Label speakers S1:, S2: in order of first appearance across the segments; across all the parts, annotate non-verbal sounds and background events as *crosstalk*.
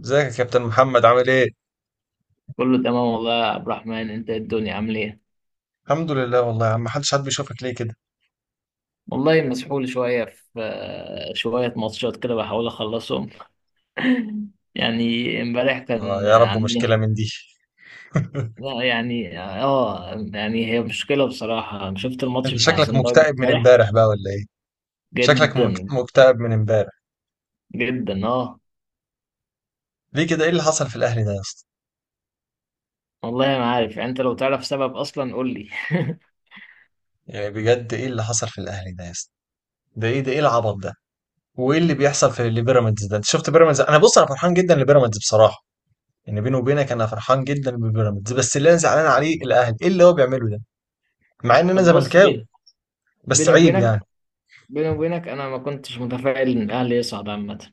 S1: ازيك يا كابتن محمد عامل ايه؟
S2: كله تمام والله يا عبد الرحمن، انت إيه؟ الدنيا عامل ايه؟
S1: الحمد لله والله يا عم محدش حد بيشوفك ليه كده؟
S2: والله مسحول شويه في شويه ماتشات كده، بحاول اخلصهم يعني. امبارح
S1: آه
S2: كان
S1: يا رب مشكلة
S2: عندنا.
S1: من دي. *laughs*
S2: لا يعني هي مشكله بصراحه. شفت الماتش
S1: انت
S2: بتاع
S1: شكلك
S2: سان داونز
S1: مكتئب من
S2: امبارح؟
S1: امبارح بقى ولا ايه؟ شكلك
S2: جدا.
S1: مكتئب من امبارح.
S2: جدا اه.
S1: ليه كده، ايه اللي حصل في الاهلي ده يا اسطى؟
S2: والله ما عارف يعني، انت لو تعرف سبب اصلا قول لي. *laughs*
S1: يعني بجد ايه اللي حصل في الاهلي ده يا اسطى؟ ده ايه، ده ايه العبط ده؟ وايه اللي بيحصل في اللي بيراميدز ده؟ انت شفت بيراميدز؟ انا بص، انا فرحان جدا لبيراميدز بصراحة. يعني بيني وبينك انا فرحان جدا ببيراميدز، بس اللي انا زعلان عليه الاهلي، ايه اللي هو بيعمله ده؟ مع ان انا
S2: طب بص،
S1: زملكاوي، بس
S2: بيني
S1: عيب
S2: وبينك،
S1: يعني.
S2: بيني وبينك، انا ما كنتش متفائل ان الاهلي يصعد عامه.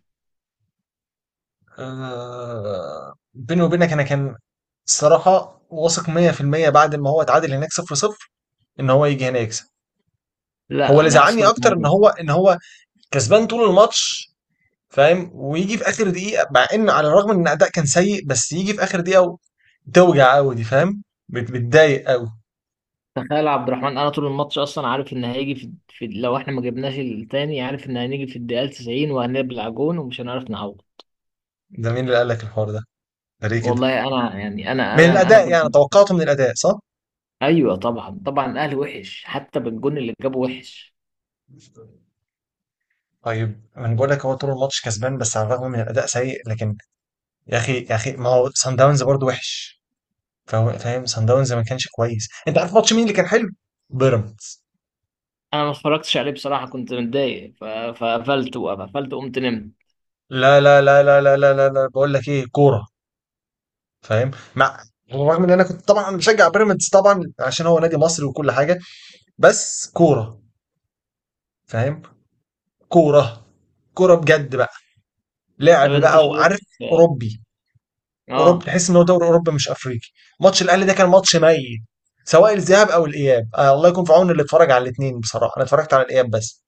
S1: آه، بيني وبينك انا كان الصراحة واثق 100% بعد ما هو اتعادل هناك 0-0 ان هو يجي هنا يكسب. هو
S2: لا
S1: اللي
S2: انا
S1: زعلني
S2: اصلا
S1: اكتر ان
S2: يعني.
S1: هو ان هو كسبان طول الماتش، فاهم؟ ويجي في اخر دقيقة، مع ان على الرغم ان الاداء كان سيء، بس يجي في اخر دقيقة و- توجع قوي دي، فاهم؟ بتضايق قوي.
S2: تخيل يا عبد الرحمن، انا طول الماتش اصلا عارف ان هيجي في، لو احنا ما جبناش التاني عارف ان هنيجي في الدقيقه 90 وهنبلع جون ومش هنعرف نعوض.
S1: ده مين اللي قال لك الحوار ده؟ ده ليه كده؟
S2: والله انا يعني انا
S1: من
S2: انا انا
S1: الاداء
S2: كنت.
S1: يعني،
S2: *laughs*
S1: توقعته من الاداء، صح.
S2: ايوه طبعا طبعا، الاهلي وحش حتى بالجون اللي جابه وحش.
S1: طيب انا بقول لك، هو طول الماتش كسبان بس على الرغم من الاداء سيء، لكن يا اخي، يا اخي، ما هو سان داونز برضه وحش. فهو فاهم، صن داونز ما كانش كويس. انت عارف ماتش مين اللي كان حلو؟ بيراميدز.
S2: انا ما اتفرجتش عليه بصراحه، كنت متضايق، فقفلت. وقفلت قمت نمت.
S1: لا، لا، لا، لا، لا، لا، لا، لا. بقول لك ايه، كوره، فاهم؟ مع، رغم ان انا كنت طبعا بشجع بيراميدز طبعا عشان هو نادي مصري وكل حاجه، بس كوره، فاهم؟ كوره، كوره بجد بقى،
S2: طب
S1: لعب
S2: انت
S1: بقى
S2: شايف.
S1: وعارف،
S2: اه.
S1: اوروبي. اوروبي،
S2: آه.
S1: تحس ان هو دوري اوروبي مش افريقي. ماتش الاهلي ده كان ماتش ميت، سواء الذهاب او الاياب. آه، الله يكون في عون اللي اتفرج على الاثنين، بصراحه انا اتفرجت على الاياب بس.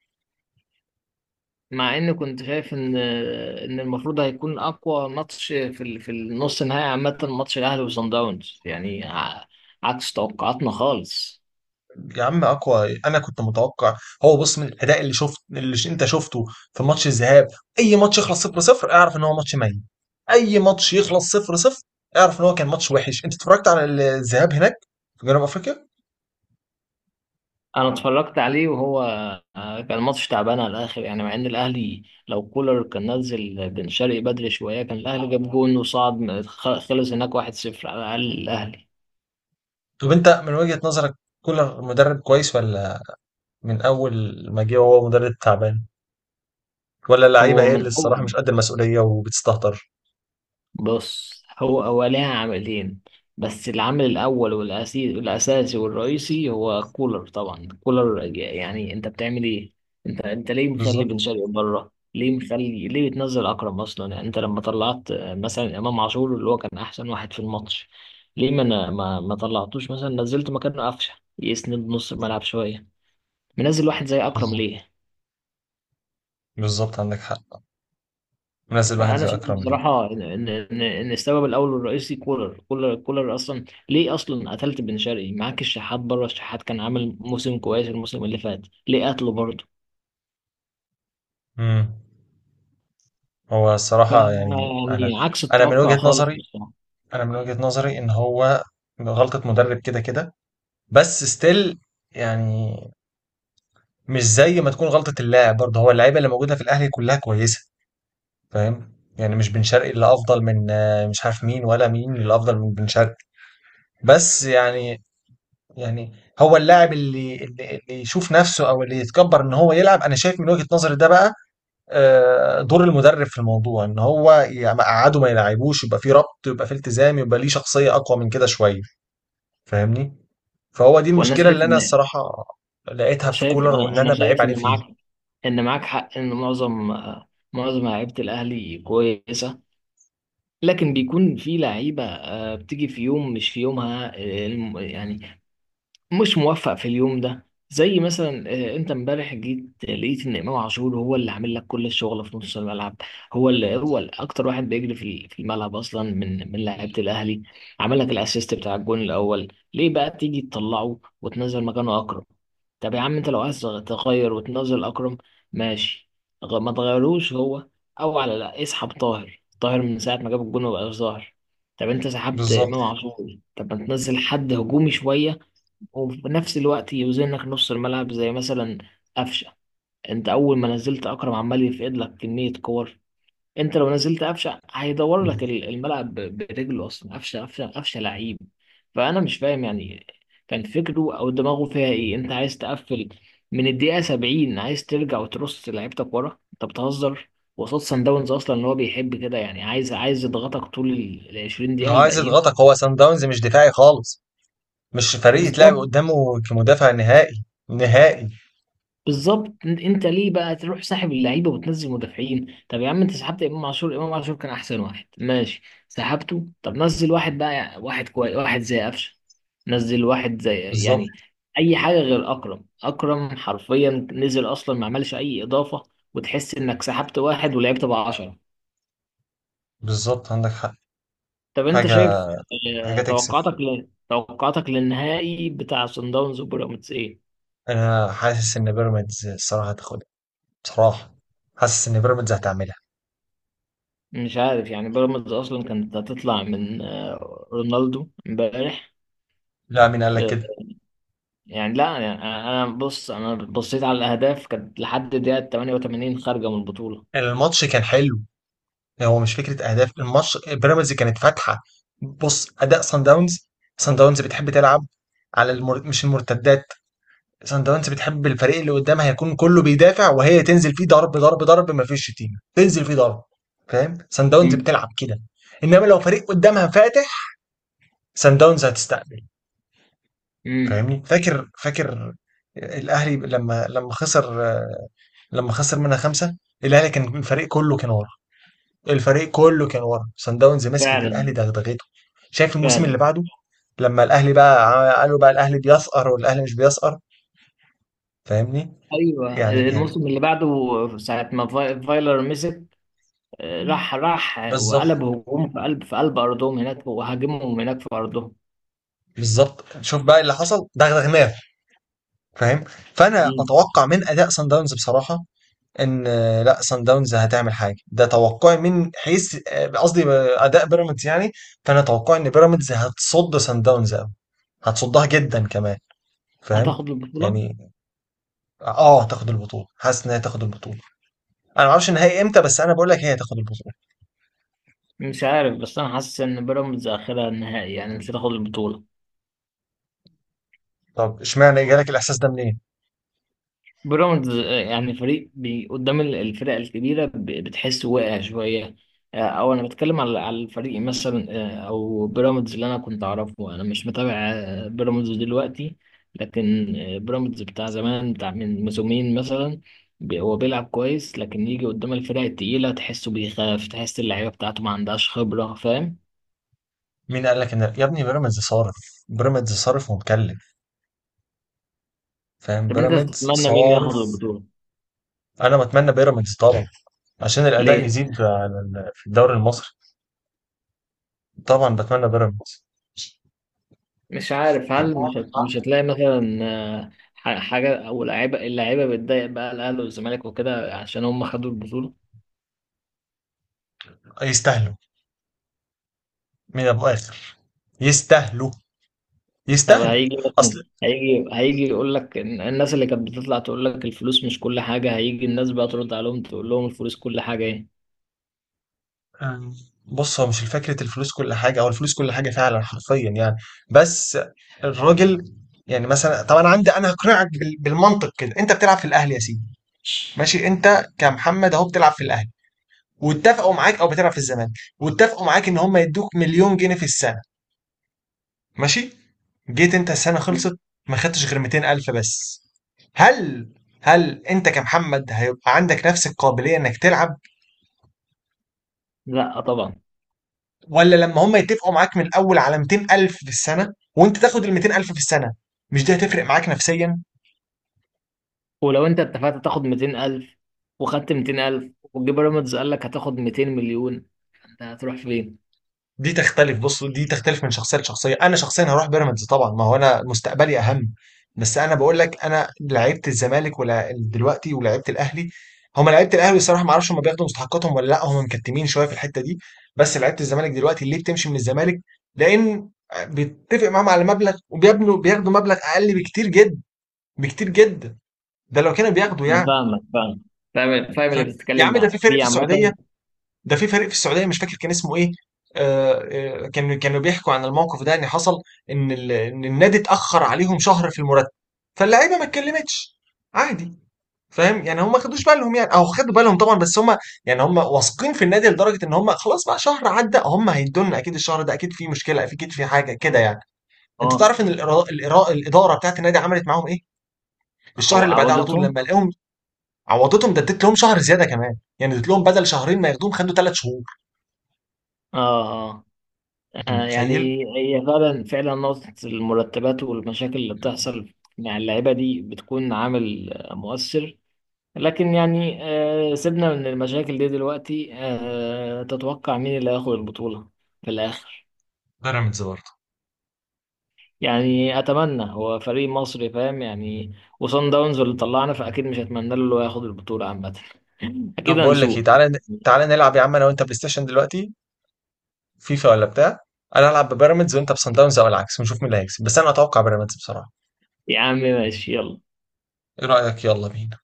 S2: مع ان كنت شايف ان المفروض هيكون اقوى ماتش في في النص النهائي عامه، ماتش الاهلي وصن داونز، يعني عكس توقعاتنا خالص.
S1: يا عم اقوى، انا كنت متوقع. هو بص، من الاداء اللي شفت، اللي انت شفته في ماتش الذهاب، اي ماتش يخلص 0 0 اعرف ان هو ماتش ميت. اي ماتش يخلص 0 0 اعرف ان هو كان ماتش وحش. انت اتفرجت على الذهاب هناك في جنوب افريقيا؟
S2: انا اتفرجت عليه، وهو كان ماتش تعبان على الاخر يعني. مع ان الاهلي، لو كولر كان نزل بن شرقي بدري شويه، كان الاهلي جاب جون وصعد. خلص هناك 1-0 على الاقل الاهلي.
S1: طب انت من وجهة نظرك، كولر مدرب كويس، ولا من اول ما جه وهو مدرب تعبان، ولا اللعيبه
S2: هو
S1: هي اللي
S2: من
S1: الصراحه
S2: أول،
S1: مش قد المسؤوليه وبتستهتر؟
S2: بص، هو ليها عاملين، بس العامل الأول والأساسي والرئيسي هو الكولر طبعا. الكولر، يعني أنت بتعمل إيه؟ أنت ليه مخلي
S1: بالظبط.
S2: بن شرقي بره؟ ليه مخلي؟ ليه بتنزل أكرم أصلا؟ يعني أنت لما طلعت، مثلا إمام عاشور، اللي هو كان أحسن واحد في الماتش، ليه ما طلعتوش مثلا، نزلت مكانه قفشة يسند نص الملعب شوية؟ منزل واحد زي أكرم
S1: بالظبط.
S2: ليه؟
S1: بالظبط عندك حق، منزل واحد
S2: فانا
S1: زي
S2: شايف
S1: اكرم ليه.
S2: بصراحه ان إن السبب الاول والرئيسي كولر كولر كولر، اصلا ليه اصلا قتلت بن شرقي؟ معاك الشحات بره، الشحات كان عامل موسم كويس الموسم اللي فات، ليه قتله برضه؟
S1: امم هو
S2: ف
S1: الصراحه يعني انا،
S2: يعني عكس
S1: انا من
S2: التوقع
S1: وجهة
S2: خالص
S1: نظري،
S2: بصراحه.
S1: انا من وجهة نظري ان هو غلطة مدرب كده كده، بس ستيل يعني مش زي ما تكون غلطة اللاعب. برضه هو اللعيبة اللي موجودة في الاهلي كلها كويسة، فاهم يعني؟ مش بن شرقي اللي افضل من مش عارف مين، ولا مين اللي افضل من بن شرقي. بس يعني، يعني هو اللاعب اللي يشوف نفسه او اللي يتكبر ان هو يلعب، انا شايف من وجهة نظري ده بقى، آه، دور المدرب في الموضوع ان هو يقعده ما يلعبوش، يبقى في ربط، يبقى في التزام، يبقى ليه شخصية اقوى من كده شوية، فاهمني؟ فهو دي
S2: وانا
S1: المشكلة
S2: شايف
S1: اللي أنا
S2: ان
S1: الصراحة لقيتها في
S2: شايف
S1: كولر،
S2: انا
S1: وإن
S2: انا
S1: أنا بعيب
S2: شايف
S1: عليه
S2: ان
S1: فيه.
S2: معاك حق ان معظم معظم لعيبه الاهلي كويسه، لكن بيكون في لعيبه بتيجي في يوم مش في يومها، يعني مش موفق في اليوم ده. زي مثلا، انت امبارح جيت لقيت ان امام عاشور هو اللي عامل لك كل الشغل في نص الملعب. هو اللي اكتر واحد بيجري في الملعب اصلا، من لعيبه الاهلي. عمل لك الاسيست بتاع الجون الاول، ليه بقى تيجي تطلعه وتنزل مكانه اكرم؟ طب يا عم، انت لو عايز تغير وتنزل اكرم، ماشي، ما تغيروش هو، او على لا اسحب طاهر. طاهر من ساعه ما جاب الجون مبقاش ظاهر. طب انت سحبت
S1: بالظبط.
S2: امام عاشور، طب ما تنزل حد هجومي شويه، وفي نفس الوقت يوزنك نص الملعب، زي مثلا قفشه. انت اول ما نزلت اكرم عمال يفقد لك كميه كور. انت لو نزلت قفشه هيدور لك الملعب برجله اصلا. قفشه قفشه لعيب. فانا مش فاهم يعني كان فكره او دماغه فيها ايه. انت عايز تقفل من الدقيقه 70؟ عايز ترجع وترص لعيبتك ورا؟ انت بتهزر؟ وقصاد سان داونز اصلا، اللي هو بيحب كده يعني، عايز يضغطك طول ال 20 دقيقه
S1: هو عايز
S2: الباقيين.
S1: يضغطك، هو سان داونز مش دفاعي خالص، مش فريق يتلعب
S2: بالظبط.
S1: قدامه كمدافع نهائي نهائي.
S2: بالظبط، انت ليه بقى تروح ساحب اللعيبه وتنزل مدافعين؟ طب يا عم، انت سحبت امام عاشور. امام عاشور كان احسن واحد، ماشي، سحبته، طب نزل واحد بقى، واحد كويس، واحد زي قفشه، نزل واحد زي
S1: بالظبط.
S2: يعني اي حاجه غير اكرم. اكرم حرفيا نزل اصلا، ما عملش اي اضافه، وتحس انك سحبت واحد ولعبت بقى 10.
S1: بالظبط عندك حق.
S2: طب انت
S1: حاجة،
S2: شايف،
S1: حاجة تكسف.
S2: توقعاتك توقعاتك للنهائي بتاع صن داونز وبيراميدز ايه؟
S1: أنا حاسس إن بيراميدز الصراحة هتاخدها، بصراحة. حاسس إن بيراميدز هتعملها.
S2: مش عارف يعني. بيراميدز اصلا كانت هتطلع من رونالدو امبارح.
S1: لا، مين قال لك
S2: آه،
S1: كده؟
S2: يعني لا يعني انا، أنا بص، انا بصيت على الاهداف، كانت لحد دقيقه 88 خارجه من البطوله.
S1: الماتش كان حلو. هو مش فكره اهداف، الماتش بيراميدز كانت فاتحه. بص اداء سان داونز، سان داونز بتحب تلعب على مش المرتدات. سان داونز بتحب الفريق اللي قدامها يكون كله بيدافع وهي تنزل فيه ضرب ضرب ضرب، ما فيش شتيمه تنزل فيه ضرب، فاهم؟ سان داونز
S2: مم.
S1: بتلعب كده. انما لو فريق قدامها فاتح، سان داونز هتستقبل،
S2: امم.
S1: فاهمني؟ فاكر، فاكر الاهلي لما خسر، لما خسر منها 5؟ الاهلي كان الفريق كله كان ورا، الفريق كله كان ورا، سان داونز مسكت
S2: فعلا.
S1: الاهلي دغدغته. شايف الموسم اللي
S2: فعلا.
S1: بعده، لما الاهلي بقى قالوا بقى الاهلي بيسقر، والاهلي مش بيسقر، فاهمني؟
S2: ايوه
S1: يعني، يعني
S2: الموسم اللي بعده، ساعه ما فايلر مسك، راح
S1: بالظبط.
S2: وقلب هجوم، في قلب ارضهم هناك، وهاجمهم هناك في ارضهم.
S1: بالظبط، شوف بقى اللي حصل، دغدغناه، فاهم؟ فانا
S2: مم.
S1: بتوقع من اداء سان داونز بصراحه ان، آه، لا سان داونز هتعمل حاجه، ده توقعي من حيث، آه، قصدي، آه، اداء بيراميدز يعني. فانا توقعي ان بيراميدز هتصد سان داونز قوي، هتصدها جدا كمان، فاهم؟
S2: هتاخد البطوله.
S1: يعني اه، هتاخد البطولة، حاسس ان هي تاخد البطولة. انا ما اعرفش النهائي امتى، بس انا بقول لك هي تاخد البطولة.
S2: مش عارف، بس انا حاسس ان بيراميدز اخرها النهائي يعني، مش هتاخد البطوله.
S1: طب اشمعنى جالك الاحساس ده منين؟
S2: بيراميدز يعني فريق بي قدام الفرق الكبيرة، بتحس واقع شوية. أو أنا بتكلم على الفريق مثلا. أو بيراميدز اللي أنا كنت أعرفه، أنا مش متابع بيراميدز دلوقتي، لكن بيراميدز بتاع زمان، بتاع من موسمين مثلا، هو بيلعب كويس، لكن يجي قدام الفرق التقيلة تحسه بيخاف، تحس اللعيبة بتاعته ما عندهاش خبرة، فاهم.
S1: مين قال لك ان يا ابني، بيراميدز صارف، بيراميدز صارف ومكلف، فاهم؟
S2: طب أنت
S1: بيراميدز
S2: تتمنى مين
S1: صارف.
S2: ياخد البطولة؟
S1: انا بتمنى بيراميدز طبعا عشان الاداء
S2: ليه؟
S1: يزيد على في الدوري المصري. طبعا بتمنى بيراميدز،
S2: مش عارف، هل مش هتلاقي مثلا حاجة، أو لعيبة، اللعيبة بتضايق بقى الأهلي والزمالك وكده عشان هم خدوا البطولة؟
S1: يستاهلوا من ابو اخر، يستاهلوا،
S2: طب
S1: يستاهلوا.
S2: هيجي مثلا،
S1: اصل،
S2: هيجي يقول لك الناس اللي كانت بتطلع تقول لك الفلوس مش كل حاجة، هيجي الناس بقى ترد عليهم تقول لهم الفلوس كل حاجة إيه؟
S1: آه، بص هو مش فكرة الفلوس كل حاجة، أو الفلوس كل حاجة فعلا حرفيا يعني، بس الراجل يعني، مثلا طب أنا عندي، أنا هقنعك بالمنطق كده. أنت بتلعب في الأهلي يا سيدي، ماشي؟ أنت كمحمد أهو بتلعب في الأهلي، واتفقوا معاك، أو بتلعب في الزمالك واتفقوا معاك إن هم يدوك 1,000,000 جنيه في السنة، ماشي؟ جيت أنت، السنة خلصت، ما خدتش غير 200000 بس. هل، هل أنت كمحمد هيبقى عندك نفس القابلية إنك تلعب؟
S2: لا طبعا.
S1: ولا لما هم يتفقوا معاك من الاول على 200000 في السنه، وانت تاخد ال 200000 في السنه، مش دي هتفرق معاك نفسيا؟
S2: ولو أنت اتفقت تاخد 200,000 وخدت 200,000، وجه بيراميدز قال لك هتاخد 200 مليون، أنت هتروح فين؟
S1: دي تختلف، بص دي تختلف من شخصيه لشخصيه. انا شخصيا هروح بيراميدز طبعا، ما هو انا مستقبلي اهم. بس انا بقول لك، انا لعيبه الزمالك ولا دلوقتي ولعيبه الاهلي، هم لعيبه الاهلي الصراحه ما اعرفش هم بياخدوا مستحقاتهم ولا لا، هم مكتمين شويه في الحته دي. بس لعيبه الزمالك دلوقتي ليه بتمشي من الزمالك؟ لان بيتفق معاهم على مبلغ، وبيبنوا بياخدوا مبلغ اقل بكتير جدا، بكتير جدا، ده لو كانوا بياخدوا
S2: أنا
S1: يعني.
S2: فاهمك. فاهم. فاهم اللي
S1: فاهم؟ يا
S2: بتتكلم
S1: عم ده في
S2: معاه
S1: فريق
S2: في
S1: في السعوديه،
S2: عامة.
S1: ده في فريق في السعوديه مش فاكر كان اسمه ايه. آه، آه، كانوا بيحكوا عن الموقف ده ان حصل، ان إن النادي اتاخر عليهم شهر في المرتب، فاللعيبه ما اتكلمتش، عادي، فاهم يعني؟ هم ما خدوش بالهم يعني، او خدوا بالهم طبعا بس هم يعني، هم واثقين في النادي لدرجه ان هم خلاص بقى شهر عدى، هم هيدونا اكيد الشهر ده، اكيد في مشكله، اكيد في حاجه كده يعني. انت
S2: اه.
S1: تعرف ان الاداره بتاعت النادي عملت معاهم ايه؟ الشهر اللي بعديه على طول
S2: عودتهم.
S1: لما لقاهم، عوضتهم، ده اديت لهم شهر زياده كمان، يعني اديت لهم بدل 2 شهور ما ياخدوهم خدوا 3 شهور.
S2: اه. آه.
S1: انت متخيل؟
S2: يعني هي فعلا نقطة المرتبات والمشاكل اللي بتحصل مع اللعيبة دي بتكون عامل مؤثر. لكن يعني سيبنا من المشاكل دي دلوقتي. تتوقع مين اللي هياخد البطولة في الآخر؟
S1: بيراميدز برضه.
S2: يعني أتمنى، هو فريق مصري، فاهم يعني. وصن داونز اللي طلعنا، فأكيد مش هتمنى له إنه ياخد البطولة عامة. *laughs* أكيد
S1: طب بقول لك ايه،
S2: هنشوف.
S1: تعالى تعالى نلعب يا عم انا وانت بلاي ستيشن دلوقتي، فيفا ولا بتاع. انا العب ببيراميدز وانت بسان داونز، او العكس، ونشوف مين اللي هيكسب، بس انا اتوقع بيراميدز بصراحة.
S2: يا عم ماشي يلا.
S1: ايه رأيك؟ يلا بينا.